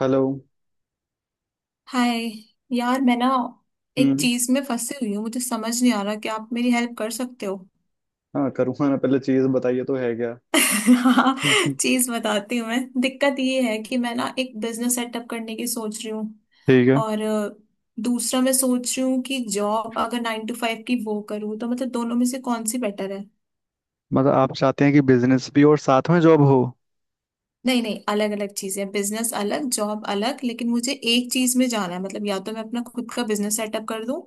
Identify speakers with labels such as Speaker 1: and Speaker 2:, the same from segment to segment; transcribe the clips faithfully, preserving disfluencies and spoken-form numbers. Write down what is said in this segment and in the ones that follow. Speaker 1: Hello.
Speaker 2: Hi. यार, मैं ना एक
Speaker 1: हम्म।
Speaker 2: चीज में फंसी हुई हूँ। मुझे समझ नहीं आ रहा कि आप मेरी हेल्प कर सकते हो?
Speaker 1: हाँ, करूँगा ना। पहले चीज़ बताइए, तो है क्या?
Speaker 2: हाँ,
Speaker 1: हम्म।
Speaker 2: चीज बताती हूँ। मैं, दिक्कत ये है कि मैं ना एक बिजनेस सेटअप करने की सोच रही हूँ।
Speaker 1: ठीक है।
Speaker 2: और अ, दूसरा, मैं सोच रही हूँ कि जॉब अगर नाइन टू फाइव की वो करूँ, तो मतलब दोनों में से कौन सी बेटर है?
Speaker 1: मतलब आप चाहते हैं कि बिजनेस भी और साथ में जॉब हो?
Speaker 2: नहीं नहीं, अलग अलग चीजें। बिजनेस अलग, जॉब अलग। लेकिन मुझे एक चीज में जाना है, मतलब या तो मैं अपना खुद का बिजनेस सेटअप कर दूं,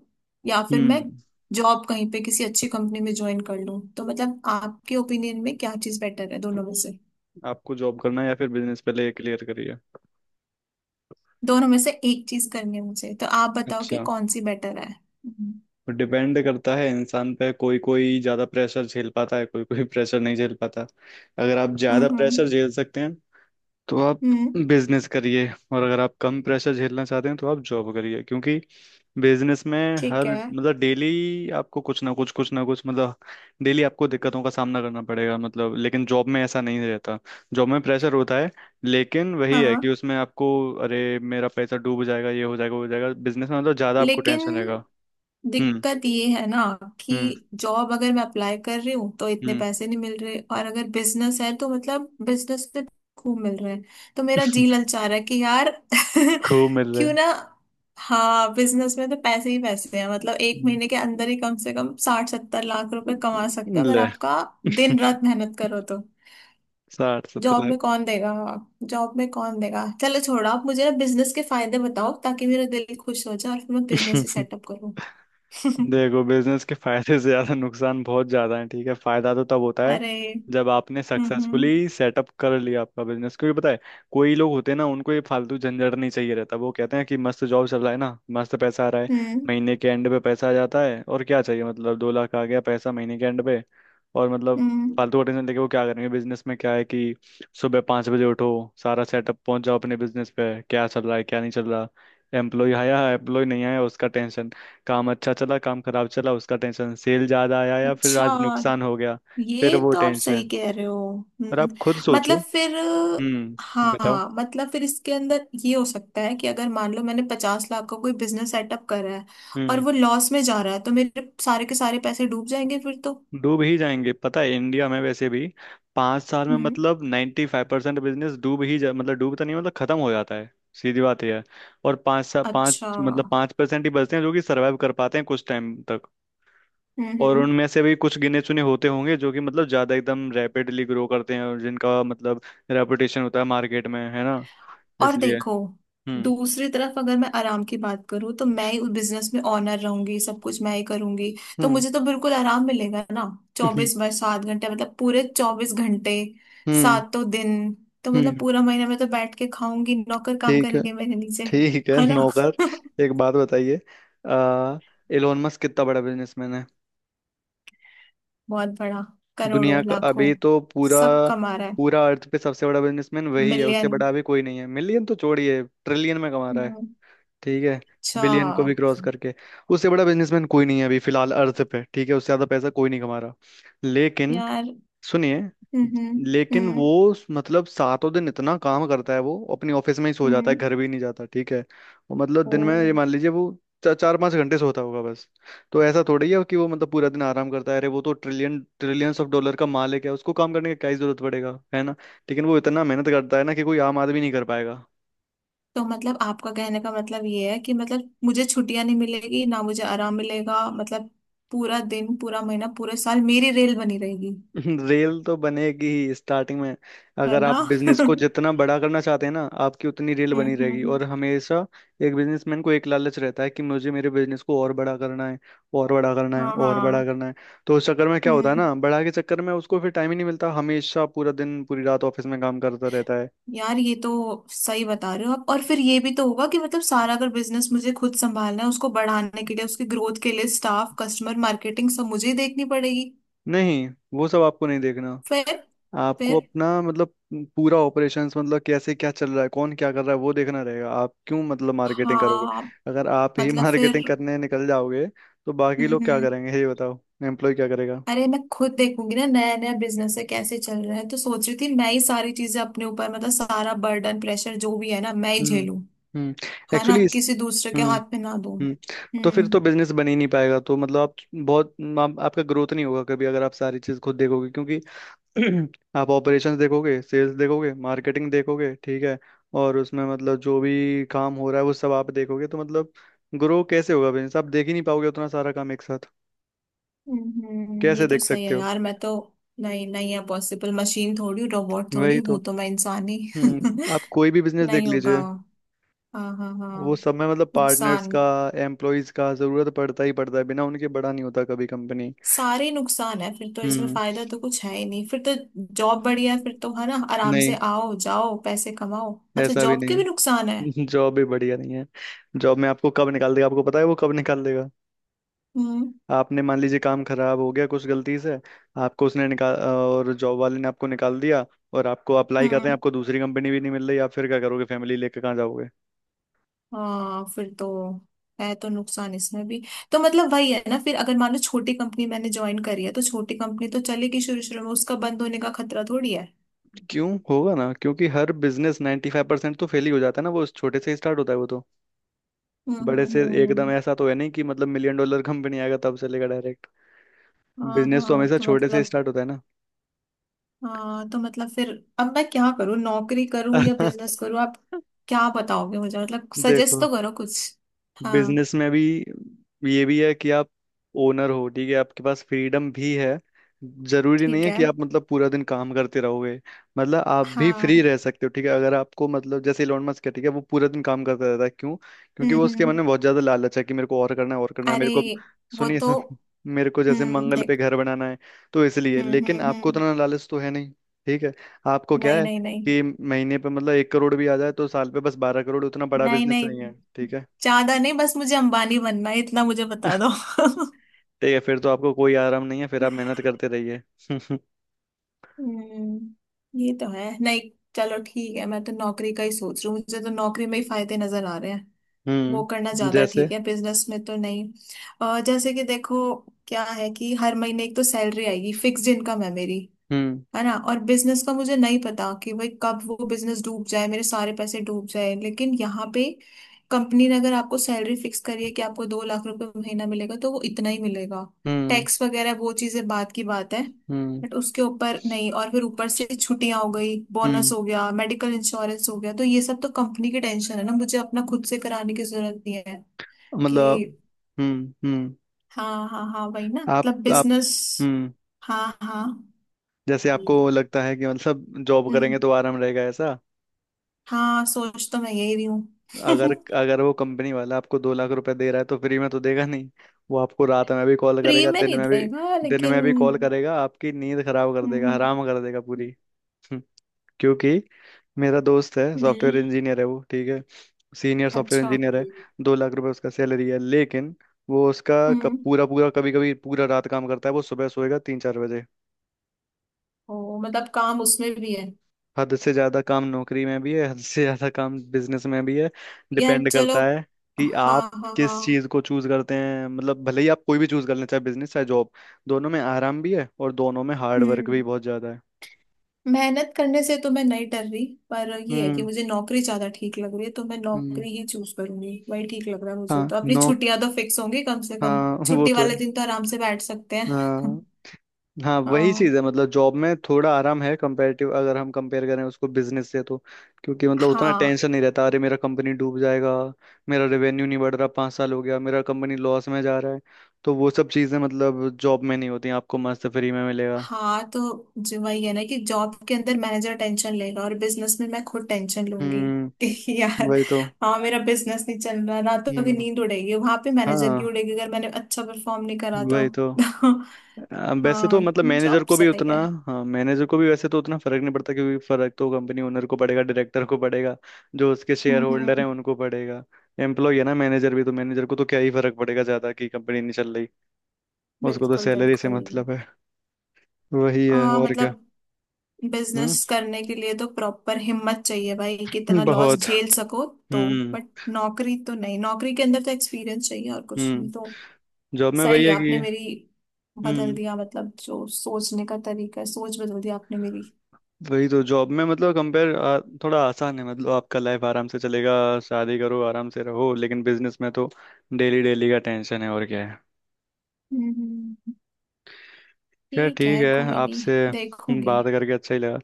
Speaker 2: या फिर मैं
Speaker 1: हम्म।
Speaker 2: जॉब कहीं पे किसी अच्छी कंपनी में ज्वाइन कर लूं। तो मतलब आपके ओपिनियन में क्या चीज बेटर है दोनों में से
Speaker 1: आपको जॉब करना है या फिर बिजनेस, पहले ये क्लियर करिए।
Speaker 2: दोनों में से एक चीज करनी है मुझे, तो आप बताओ कि
Speaker 1: अच्छा।
Speaker 2: कौन सी बेटर है। हम्म
Speaker 1: तो डिपेंड करता है इंसान पे। कोई कोई ज़्यादा प्रेशर झेल पाता है, कोई कोई प्रेशर नहीं झेल पाता। अगर आप ज़्यादा
Speaker 2: हम्म
Speaker 1: प्रेशर झेल सकते हैं तो आप
Speaker 2: हम्म,
Speaker 1: बिजनेस करिए। और अगर आप कम प्रेशर झेलना चाहते हैं तो आप जॉब करिए, क्योंकि बिजनेस में
Speaker 2: ठीक
Speaker 1: हर
Speaker 2: है।
Speaker 1: मतलब डेली आपको कुछ ना कुछ, कुछ ना कुछ, मतलब डेली आपको दिक्कतों का सामना करना पड़ेगा, मतलब। लेकिन जॉब में ऐसा नहीं रहता। जॉब में प्रेशर होता है, लेकिन वही है
Speaker 2: हाँ,
Speaker 1: कि उसमें आपको। अरे मेरा पैसा डूब जाएगा, ये हो जाएगा, वो हो जाएगा, बिजनेस में मतलब ज़्यादा आपको
Speaker 2: लेकिन
Speaker 1: टेंशन रहेगा। हम्म।
Speaker 2: दिक्कत ये है ना कि
Speaker 1: हम्म।
Speaker 2: जॉब अगर मैं अप्लाई कर रही हूँ तो इतने
Speaker 1: हम्म।
Speaker 2: पैसे नहीं मिल रहे, और अगर बिजनेस है तो मतलब बिजनेस में खूब मिल रहे हैं। तो मेरा जी ललचा रहा है कि यार
Speaker 1: खूब मिल रहा
Speaker 2: क्यों
Speaker 1: है।
Speaker 2: ना। हाँ, बिजनेस में तो पैसे ही पैसे हैं। मतलब एक
Speaker 1: हम्म।
Speaker 2: महीने के अंदर ही कम से कम साठ सत्तर लाख रुपए कमा सकते हो, अगर
Speaker 1: ले।
Speaker 2: आपका दिन रात मेहनत करो तो।
Speaker 1: साठ
Speaker 2: जॉब
Speaker 1: सत्तर
Speaker 2: में कौन देगा? जॉब में कौन देगा? चलो छोड़ो, आप मुझे ना बिजनेस के फायदे बताओ, ताकि मेरा दिल खुश हो जाए और फिर मैं बिजनेस ही
Speaker 1: लाख
Speaker 2: सेटअप करूँ।
Speaker 1: देखो, बिजनेस के फायदे से ज्यादा नुकसान बहुत ज्यादा है। ठीक है, फायदा तो तब होता है
Speaker 2: अरे,
Speaker 1: जब आपने
Speaker 2: हम्म
Speaker 1: सक्सेसफुली सेटअप कर लिया आपका बिजनेस, क्योंकि पता है कोई लोग होते हैं ना, उनको ये फालतू झंझट नहीं चाहिए रहता। वो कहते हैं कि मस्त जॉब चल रहा है ना, मस्त पैसा आ रहा है,
Speaker 2: हम्म
Speaker 1: महीने के एंड पे पैसा आ जाता है और क्या चाहिए। मतलब दो लाख आ गया पैसा महीने के एंड पे, और मतलब
Speaker 2: हम्म,
Speaker 1: फालतू का टेंशन लेके वो क्या करेंगे। बिजनेस में क्या है कि सुबह पाँच बजे उठो, सारा सेटअप पहुंच जाओ, अपने बिजनेस पे क्या चल रहा है क्या नहीं चल रहा, एम्प्लॉय आया एम्प्लॉय नहीं आया उसका टेंशन, काम अच्छा चला काम खराब चला उसका टेंशन, सेल ज्यादा आया या फिर
Speaker 2: अच्छा।
Speaker 1: आज नुकसान हो गया, फिर
Speaker 2: ये
Speaker 1: वो
Speaker 2: तो आप सही
Speaker 1: टेंशन।
Speaker 2: कह रहे हो।
Speaker 1: और
Speaker 2: हम्म,
Speaker 1: आप खुद सोचो।
Speaker 2: मतलब फिर,
Speaker 1: हम्म, बताओ।
Speaker 2: हाँ मतलब फिर इसके अंदर ये हो सकता है कि अगर मान लो मैंने पचास लाख का कोई बिजनेस सेटअप करा है और
Speaker 1: हम्म।
Speaker 2: वो लॉस में जा रहा है, तो मेरे सारे के सारे पैसे डूब जाएंगे फिर तो।
Speaker 1: डूब ही जाएंगे, पता है इंडिया में वैसे भी पाँच साल में
Speaker 2: हम्म,
Speaker 1: मतलब नाइन्टी फाइव परसेंट बिजनेस डूब ही जा, मतलब डूबता नहीं, मतलब खत्म हो जाता है। सीधी बात यह है। और पाँच सा पाँच
Speaker 2: अच्छा।
Speaker 1: मतलब पाँच परसेंट ही बचते हैं जो कि सर्वाइव कर पाते हैं कुछ टाइम तक। और
Speaker 2: हम्म,
Speaker 1: उनमें से भी कुछ गिने चुने होते होंगे जो कि मतलब ज्यादा एकदम रैपिडली ग्रो करते हैं, और जिनका मतलब रेपुटेशन होता है मार्केट में, है ना।
Speaker 2: और
Speaker 1: इसलिए।
Speaker 2: देखो,
Speaker 1: हम्म।
Speaker 2: दूसरी तरफ अगर मैं आराम की बात करूँ, तो मैं ही उस बिजनेस में ऑनर रहूंगी। सब कुछ मैं ही करूंगी, तो
Speaker 1: हम्म।
Speaker 2: मुझे तो बिल्कुल आराम मिलेगा ना।
Speaker 1: हम्म।
Speaker 2: चौबीस बाय सात घंटे, मतलब पूरे चौबीस घंटे,
Speaker 1: हम्म।
Speaker 2: सातों दिन। तो मतलब
Speaker 1: हम्म,
Speaker 2: पूरा महीना मैं तो बैठ के खाऊंगी, नौकर काम
Speaker 1: ठीक है।
Speaker 2: करेंगे मेरे नीचे।
Speaker 1: ठीक है,
Speaker 2: है ना?
Speaker 1: नौकर। एक बात बताइए। आ एलोन मस्क कितना बड़ा बिजनेसमैन है?
Speaker 2: बहुत बड़ा।
Speaker 1: दुनिया
Speaker 2: करोड़ों
Speaker 1: का
Speaker 2: लाखों
Speaker 1: अभी तो पूरा।
Speaker 2: सब कमा रहा है।
Speaker 1: पूरा अर्थ पे सबसे बड़ा बिजनेसमैन वही है, उससे
Speaker 2: मिलियन।
Speaker 1: बड़ा अभी कोई नहीं है। मिलियन तो छोड़िए, ट्रिलियन में कमा रहा है। ठीक है।
Speaker 2: अच्छा।
Speaker 1: बिलियन को भी क्रॉस करके उससे बड़ा बिजनेसमैन कोई नहीं है अभी फिलहाल अर्थ पे। ठीक है, उससे ज्यादा पैसा कोई नहीं कमा रहा लेकिन।
Speaker 2: यार,
Speaker 1: सुनिए।
Speaker 2: हम्म हम्म
Speaker 1: लेकिन
Speaker 2: हम्म,
Speaker 1: वो मतलब सातों दिन इतना काम करता है, वो अपनी ऑफिस में ही सो जाता है,
Speaker 2: हम्म,
Speaker 1: घर भी नहीं जाता ठीक है। वो मतलब
Speaker 2: ओ।
Speaker 1: दिन में ये मान लीजिए वो चा, चार पाँच घंटे सोता होगा बस। तो ऐसा थोड़ी है कि वो मतलब पूरा दिन आराम करता है। अरे वो तो ट्रिलियन ट्रिलियंस ऑफ डॉलर का मालिक है, उसको काम करने की क्या ही जरूरत पड़ेगा, है ना। लेकिन वो इतना मेहनत करता है ना कि कोई आम आदमी नहीं कर पाएगा।
Speaker 2: तो मतलब आपका कहने का मतलब ये है कि मतलब मुझे छुट्टियां नहीं मिलेगी ना, मुझे आराम मिलेगा मतलब? पूरा दिन, पूरा महीना, पूरे साल मेरी रेल बनी रहेगी।
Speaker 1: रेल तो बनेगी ही स्टार्टिंग में।
Speaker 2: है
Speaker 1: अगर
Speaker 2: ना?
Speaker 1: आप बिजनेस
Speaker 2: हम्म
Speaker 1: को जितना बड़ा करना चाहते हैं ना, आपकी उतनी रेल बनी रहेगी।
Speaker 2: हम्म,
Speaker 1: और हमेशा एक बिजनेसमैन को एक लालच रहता है कि मुझे मेरे बिजनेस को और बड़ा करना है, और बड़ा करना है,
Speaker 2: हाँ
Speaker 1: और बड़ा
Speaker 2: हाँ।
Speaker 1: करना है। तो उस चक्कर में क्या होता है
Speaker 2: हम्म,
Speaker 1: ना, बड़ा के चक्कर में उसको फिर टाइम ही नहीं मिलता, हमेशा पूरा दिन पूरी रात ऑफिस में काम करता रहता है।
Speaker 2: यार ये तो सही बता रहे हो आप। और फिर ये भी तो होगा कि मतलब सारा अगर बिजनेस मुझे खुद संभालना है, उसको बढ़ाने के लिए, उसकी ग्रोथ के लिए, स्टाफ, कस्टमर, मार्केटिंग सब मुझे ही देखनी पड़ेगी।
Speaker 1: नहीं, वो सब आपको नहीं देखना।
Speaker 2: फिर
Speaker 1: आपको
Speaker 2: फिर
Speaker 1: अपना मतलब पूरा ऑपरेशंस, मतलब कैसे क्या चल रहा है, कौन क्या कर रहा है वो देखना रहेगा। आप क्यों मतलब मार्केटिंग करोगे?
Speaker 2: हाँ,
Speaker 1: अगर आप ही
Speaker 2: मतलब फिर।
Speaker 1: मार्केटिंग करने निकल जाओगे तो बाकी
Speaker 2: हम्म
Speaker 1: लोग क्या
Speaker 2: हम्म,
Speaker 1: करेंगे ये बताओ। एम्प्लॉय क्या करेगा?
Speaker 2: अरे मैं खुद देखूंगी ना, नया नया बिजनेस है, कैसे चल रहा है, तो सोच रही थी मैं ही सारी चीजें अपने ऊपर, मतलब सारा बर्डन, प्रेशर जो भी है ना, मैं ही
Speaker 1: हम्म।
Speaker 2: झेलूं।
Speaker 1: हम्म।
Speaker 2: है ना,
Speaker 1: एक्चुअली इस।
Speaker 2: किसी दूसरे के
Speaker 1: हम्म।
Speaker 2: हाथ में ना दूं।
Speaker 1: हम्म। तो फिर तो
Speaker 2: हम्म
Speaker 1: बिजनेस बन ही नहीं पाएगा, तो मतलब आप बहुत। आप, आपका ग्रोथ नहीं होगा कभी अगर आप सारी चीज खुद देखोगे, क्योंकि आप ऑपरेशंस देखोगे, सेल्स देखोगे, मार्केटिंग देखोगे, ठीक है। और उसमें मतलब जो भी काम हो रहा है वो सब आप देखोगे तो मतलब ग्रो कैसे होगा बिजनेस? आप देख ही नहीं पाओगे उतना सारा काम एक साथ।
Speaker 2: हम्म हम्म, ये
Speaker 1: कैसे
Speaker 2: तो
Speaker 1: देख
Speaker 2: सही
Speaker 1: सकते
Speaker 2: है।
Speaker 1: हो?
Speaker 2: यार मैं तो, नहीं नहीं है पॉसिबल। मशीन थोड़ी हूँ, रोबोट थोड़ी
Speaker 1: वही
Speaker 2: हूँ,
Speaker 1: तो।
Speaker 2: हूं तो मैं इंसान ही।
Speaker 1: हम्म। आप कोई भी बिजनेस देख
Speaker 2: नहीं होगा।
Speaker 1: लीजिए,
Speaker 2: हाँ हाँ
Speaker 1: वो
Speaker 2: हाँ,
Speaker 1: सब में मतलब पार्टनर्स
Speaker 2: नुकसान।
Speaker 1: का एम्प्लॉयज का जरूरत पड़ता ही पड़ता है, बिना उनके बड़ा नहीं होता कभी कंपनी।
Speaker 2: सारे नुकसान है फिर तो, इसमें
Speaker 1: हम्म।
Speaker 2: फायदा तो कुछ है ही नहीं फिर तो। जॉब बढ़िया है फिर तो, है ना? आराम
Speaker 1: नहीं,
Speaker 2: से आओ जाओ, पैसे कमाओ। अच्छा,
Speaker 1: ऐसा भी
Speaker 2: जॉब
Speaker 1: नहीं
Speaker 2: के भी नुकसान है?
Speaker 1: है। जॉब भी बढ़िया नहीं है। जॉब में आपको कब निकाल देगा आपको पता है, वो कब निकाल देगा।
Speaker 2: हम्म
Speaker 1: आपने मान लीजिए काम खराब हो गया कुछ गलती से, आपको उसने निकाल, और जॉब वाले ने आपको निकाल दिया। और आपको अप्लाई कर रहे हैं,
Speaker 2: हम्म,
Speaker 1: आपको दूसरी कंपनी भी नहीं मिल रही, आप फिर क्या करोगे? फैमिली लेके कहाँ जाओगे?
Speaker 2: हाँ फिर तो, है तो नुकसान इसमें भी। तो मतलब वही है ना फिर, अगर मान लो छोटी कंपनी मैंने ज्वाइन करी है तो छोटी कंपनी तो चलेगी शुरू शुरू में, उसका बंद होने का खतरा थोड़ी है।
Speaker 1: क्यों होगा ना, क्योंकि हर बिजनेस नाइन्टी फाइव परसेंट तो फेल ही हो जाता है ना। वो छोटे से ही स्टार्ट होता है वो तो,
Speaker 2: हम्म
Speaker 1: बड़े
Speaker 2: हम्म
Speaker 1: से एकदम
Speaker 2: हम्म।
Speaker 1: ऐसा तो है नहीं कि मतलब मिलियन डॉलर कंपनी आएगा तब चलेगा डायरेक्ट।
Speaker 2: हाँ
Speaker 1: बिजनेस तो
Speaker 2: हाँ,
Speaker 1: हमेशा
Speaker 2: तो
Speaker 1: छोटे से
Speaker 2: मतलब
Speaker 1: स्टार्ट होता है ना।
Speaker 2: हाँ, तो मतलब फिर अब मैं क्या करूँ, नौकरी करूँ या बिजनेस करूँ? आप क्या बताओगे मुझे? मतलब सजेस्ट
Speaker 1: देखो,
Speaker 2: तो करो कुछ। हाँ,
Speaker 1: बिजनेस में भी ये भी है कि आप ओनर हो, ठीक है, आपके पास फ्रीडम भी है। जरूरी नहीं
Speaker 2: ठीक
Speaker 1: है
Speaker 2: है।
Speaker 1: कि आप मतलब पूरा दिन काम करते रहोगे, मतलब आप भी फ्री
Speaker 2: हाँ।
Speaker 1: रह सकते हो। ठीक है, अगर आपको मतलब जैसे इलोन मस्क है, ठीक है, वो पूरा दिन काम करता रहता है, क्यों? क्योंकि
Speaker 2: हम्म
Speaker 1: वो उसके मन में
Speaker 2: हम्म,
Speaker 1: बहुत ज्यादा लालच है कि मेरे को और करना है, और करना है
Speaker 2: अरे
Speaker 1: मेरे को।
Speaker 2: वो
Speaker 1: सुनिए।
Speaker 2: तो,
Speaker 1: सुन- मेरे को जैसे
Speaker 2: हम्म
Speaker 1: मंगल पे
Speaker 2: देख।
Speaker 1: घर बनाना है, तो इसलिए।
Speaker 2: हम्म
Speaker 1: लेकिन
Speaker 2: हम्म
Speaker 1: आपको
Speaker 2: हम्म,
Speaker 1: उतना लालच तो है नहीं। ठीक है। आपको क्या
Speaker 2: नहीं
Speaker 1: है
Speaker 2: नहीं नहीं,
Speaker 1: कि महीने पे मतलब एक करोड़ भी आ जाए तो साल पे बस बारह करोड़, उतना बड़ा
Speaker 2: नहीं
Speaker 1: बिजनेस
Speaker 2: नहीं,
Speaker 1: नहीं है। ठीक है,
Speaker 2: ज्यादा नहीं, बस मुझे अंबानी बनना है, इतना मुझे बता दो।
Speaker 1: ठीक है फिर तो आपको कोई आराम नहीं है, फिर आप मेहनत करते रहिए।
Speaker 2: हम्म, ये तो है नहीं। चलो ठीक है, मैं तो नौकरी का ही सोच रही हूँ। मुझे तो नौकरी में ही फायदे नजर आ रहे हैं। वो करना
Speaker 1: हम्म।
Speaker 2: ज्यादा
Speaker 1: जैसे।
Speaker 2: ठीक है, बिजनेस में तो नहीं। अ, जैसे कि देखो, क्या है कि हर महीने एक तो सैलरी आएगी, फिक्स्ड इनकम है मेरी,
Speaker 1: हम्म।
Speaker 2: है ना। और बिजनेस का मुझे नहीं पता कि भाई कब वो बिजनेस डूब जाए, मेरे सारे पैसे डूब जाए। लेकिन यहाँ पे कंपनी ने अगर आपको सैलरी फिक्स करी है कि आपको दो लाख रुपए महीना मिलेगा, तो वो इतना ही मिलेगा।
Speaker 1: हम्म।
Speaker 2: टैक्स वगैरह वो चीजें बात की बात है,
Speaker 1: हम्म।
Speaker 2: बट उसके ऊपर नहीं। और फिर ऊपर से छुट्टियां हो गई, बोनस
Speaker 1: हम्म।
Speaker 2: हो गया, मेडिकल इंश्योरेंस हो गया, तो ये सब तो कंपनी की टेंशन है ना, मुझे अपना खुद से कराने की जरूरत नहीं है कि।
Speaker 1: मतलब। हम्म। हम्म।
Speaker 2: हाँ हाँ हाँ, वही ना,
Speaker 1: आप
Speaker 2: मतलब
Speaker 1: आप
Speaker 2: बिजनेस।
Speaker 1: हम्म।
Speaker 2: हाँ हाँ।
Speaker 1: जैसे आपको लगता है कि मतलब जॉब
Speaker 2: हम्म,
Speaker 1: करेंगे तो आराम रहेगा, ऐसा।
Speaker 2: हाँ सोच तो मैं यही रही
Speaker 1: अगर
Speaker 2: हूँ।
Speaker 1: अगर वो कंपनी वाला आपको दो लाख रुपए दे रहा है, तो फ्री में तो देगा नहीं। वो आपको रात में भी कॉल
Speaker 2: प्री
Speaker 1: करेगा,
Speaker 2: में
Speaker 1: दिन
Speaker 2: नहीं
Speaker 1: में भी।
Speaker 2: देगा,
Speaker 1: दिन में
Speaker 2: लेकिन
Speaker 1: भी कॉल करेगा, आपकी नींद खराब कर देगा,
Speaker 2: हम्म,
Speaker 1: हराम कर देगा पूरी। क्योंकि मेरा दोस्त है,
Speaker 2: हम्म,
Speaker 1: सॉफ्टवेयर इंजीनियर है वो, ठीक है। सीनियर सॉफ्टवेयर
Speaker 2: अच्छा।
Speaker 1: इंजीनियर है। दो लाख रुपए उसका सैलरी है, लेकिन वो उसका क-
Speaker 2: हम्म,
Speaker 1: पूरा पूरा, कभी कभी पूरा रात काम करता है, वो सुबह सोएगा तीन चार बजे।
Speaker 2: ओ मतलब काम उसमें भी है।
Speaker 1: हद से ज्यादा काम नौकरी में भी है, हद से ज्यादा काम बिजनेस में भी है।
Speaker 2: यार
Speaker 1: डिपेंड
Speaker 2: चलो,
Speaker 1: करता है कि
Speaker 2: हाँ
Speaker 1: आप
Speaker 2: हाँ
Speaker 1: किस चीज
Speaker 2: हाँ।
Speaker 1: को चूज करते हैं। मतलब भले ही आप कोई भी चूज कर लें, चाहे बिजनेस चाहे जॉब, दोनों में आराम भी है और दोनों में हार्ड वर्क
Speaker 2: हम्म,
Speaker 1: भी बहुत ज्यादा है।
Speaker 2: मेहनत करने से तो मैं नहीं डर रही, पर ये है कि
Speaker 1: हम्म।
Speaker 2: मुझे नौकरी ज्यादा ठीक लग रही है, तो मैं
Speaker 1: हम्म।
Speaker 2: नौकरी ही चूज करूंगी। वही ठीक लग रहा है
Speaker 1: हाँ
Speaker 2: मुझे, तो अपनी
Speaker 1: नो।
Speaker 2: छुट्टियां तो फिक्स होंगी कम से कम।
Speaker 1: हाँ वो
Speaker 2: छुट्टी
Speaker 1: तो
Speaker 2: वाले
Speaker 1: है।
Speaker 2: दिन तो आराम से बैठ सकते हैं।
Speaker 1: हाँ, हाँ वही चीज
Speaker 2: हाँ
Speaker 1: है, मतलब जॉब में थोड़ा आराम है, कंपैरेटिव अगर हम कंपेयर करें उसको बिजनेस से तो, क्योंकि मतलब उतना
Speaker 2: हाँ
Speaker 1: टेंशन नहीं रहता। अरे मेरा कंपनी डूब जाएगा, मेरा रेवेन्यू नहीं बढ़ रहा, पाँच साल हो गया मेरा कंपनी लॉस में जा रहा है, तो वो सब चीजें मतलब जॉब में नहीं होती, आपको मस्त फ्री में मिलेगा।
Speaker 2: हाँ, तो जो वही है ना कि जॉब के अंदर मैनेजर टेंशन लेगा और बिजनेस में मैं खुद टेंशन लूंगी।
Speaker 1: हम्म।
Speaker 2: कि यार,
Speaker 1: वही तो।
Speaker 2: हाँ मेरा बिजनेस नहीं चल रहा, रातों की
Speaker 1: हम्म।
Speaker 2: नींद उड़ेगी। वहां पे मैनेजर की
Speaker 1: हाँ
Speaker 2: उड़ेगी, अगर मैंने अच्छा परफॉर्म नहीं करा तो।
Speaker 1: वही तो। आ, वैसे तो
Speaker 2: हाँ,
Speaker 1: मतलब मैनेजर
Speaker 2: जॉब
Speaker 1: को भी
Speaker 2: सही
Speaker 1: उतना।
Speaker 2: है।
Speaker 1: हाँ मैनेजर को भी वैसे तो उतना फर्क नहीं पड़ता, क्योंकि फर्क तो कंपनी ओनर को पड़ेगा, डायरेक्टर को पड़ेगा, जो उसके शेयर
Speaker 2: हम्म
Speaker 1: होल्डर
Speaker 2: हम्म,
Speaker 1: हैं उनको पड़ेगा। एम्प्लॉय है ना मैनेजर भी, तो मैनेजर को तो क्या ही फर्क पड़ेगा ज्यादा कि कंपनी नहीं चल रही। उसको तो
Speaker 2: बिल्कुल
Speaker 1: सैलरी से
Speaker 2: बिल्कुल।
Speaker 1: मतलब है। वही है
Speaker 2: आ,
Speaker 1: और क्या।
Speaker 2: मतलब
Speaker 1: हम्म।
Speaker 2: बिजनेस करने के लिए तो प्रॉपर हिम्मत चाहिए भाई, कि इतना लॉस
Speaker 1: बहुत।
Speaker 2: झेल सको। तो
Speaker 1: हम्म।
Speaker 2: बट नौकरी तो नहीं, नौकरी के अंदर तो एक्सपीरियंस चाहिए, और कुछ नहीं तो।
Speaker 1: हम्म। जॉब में
Speaker 2: सही
Speaker 1: वही
Speaker 2: है,
Speaker 1: है
Speaker 2: आपने
Speaker 1: कि।
Speaker 2: मेरी बदल
Speaker 1: हम्म।
Speaker 2: दिया, मतलब जो सोचने का तरीका है, सोच बदल दी आपने मेरी।
Speaker 1: वही तो। जॉब में मतलब कंपेयर थोड़ा आसान है, मतलब आपका लाइफ आराम से चलेगा, शादी करो आराम से रहो, लेकिन बिजनेस में तो डेली डेली का टेंशन है, और क्या है।
Speaker 2: हम्म,
Speaker 1: क्या,
Speaker 2: ठीक
Speaker 1: ठीक
Speaker 2: है
Speaker 1: है।
Speaker 2: कोई नहीं,
Speaker 1: आपसे
Speaker 2: देखूंगी।
Speaker 1: बात करके अच्छा ही लगा।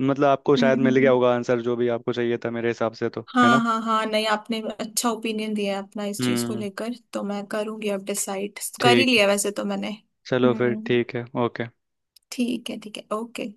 Speaker 1: मतलब आपको शायद मिल गया
Speaker 2: हम्म,
Speaker 1: होगा आंसर जो भी आपको चाहिए था, मेरे हिसाब से तो, है
Speaker 2: हाँ
Speaker 1: ना।
Speaker 2: हाँ हाँ, नहीं आपने अच्छा ओपिनियन दिया है अपना इस चीज को
Speaker 1: हम्म।
Speaker 2: लेकर, तो मैं करूंगी। अब डिसाइड कर ही
Speaker 1: ठीक।
Speaker 2: लिया वैसे तो मैंने।
Speaker 1: चलो, फिर
Speaker 2: हम्म,
Speaker 1: ठीक है। ओके।
Speaker 2: ठीक है, ठीक है, ओके।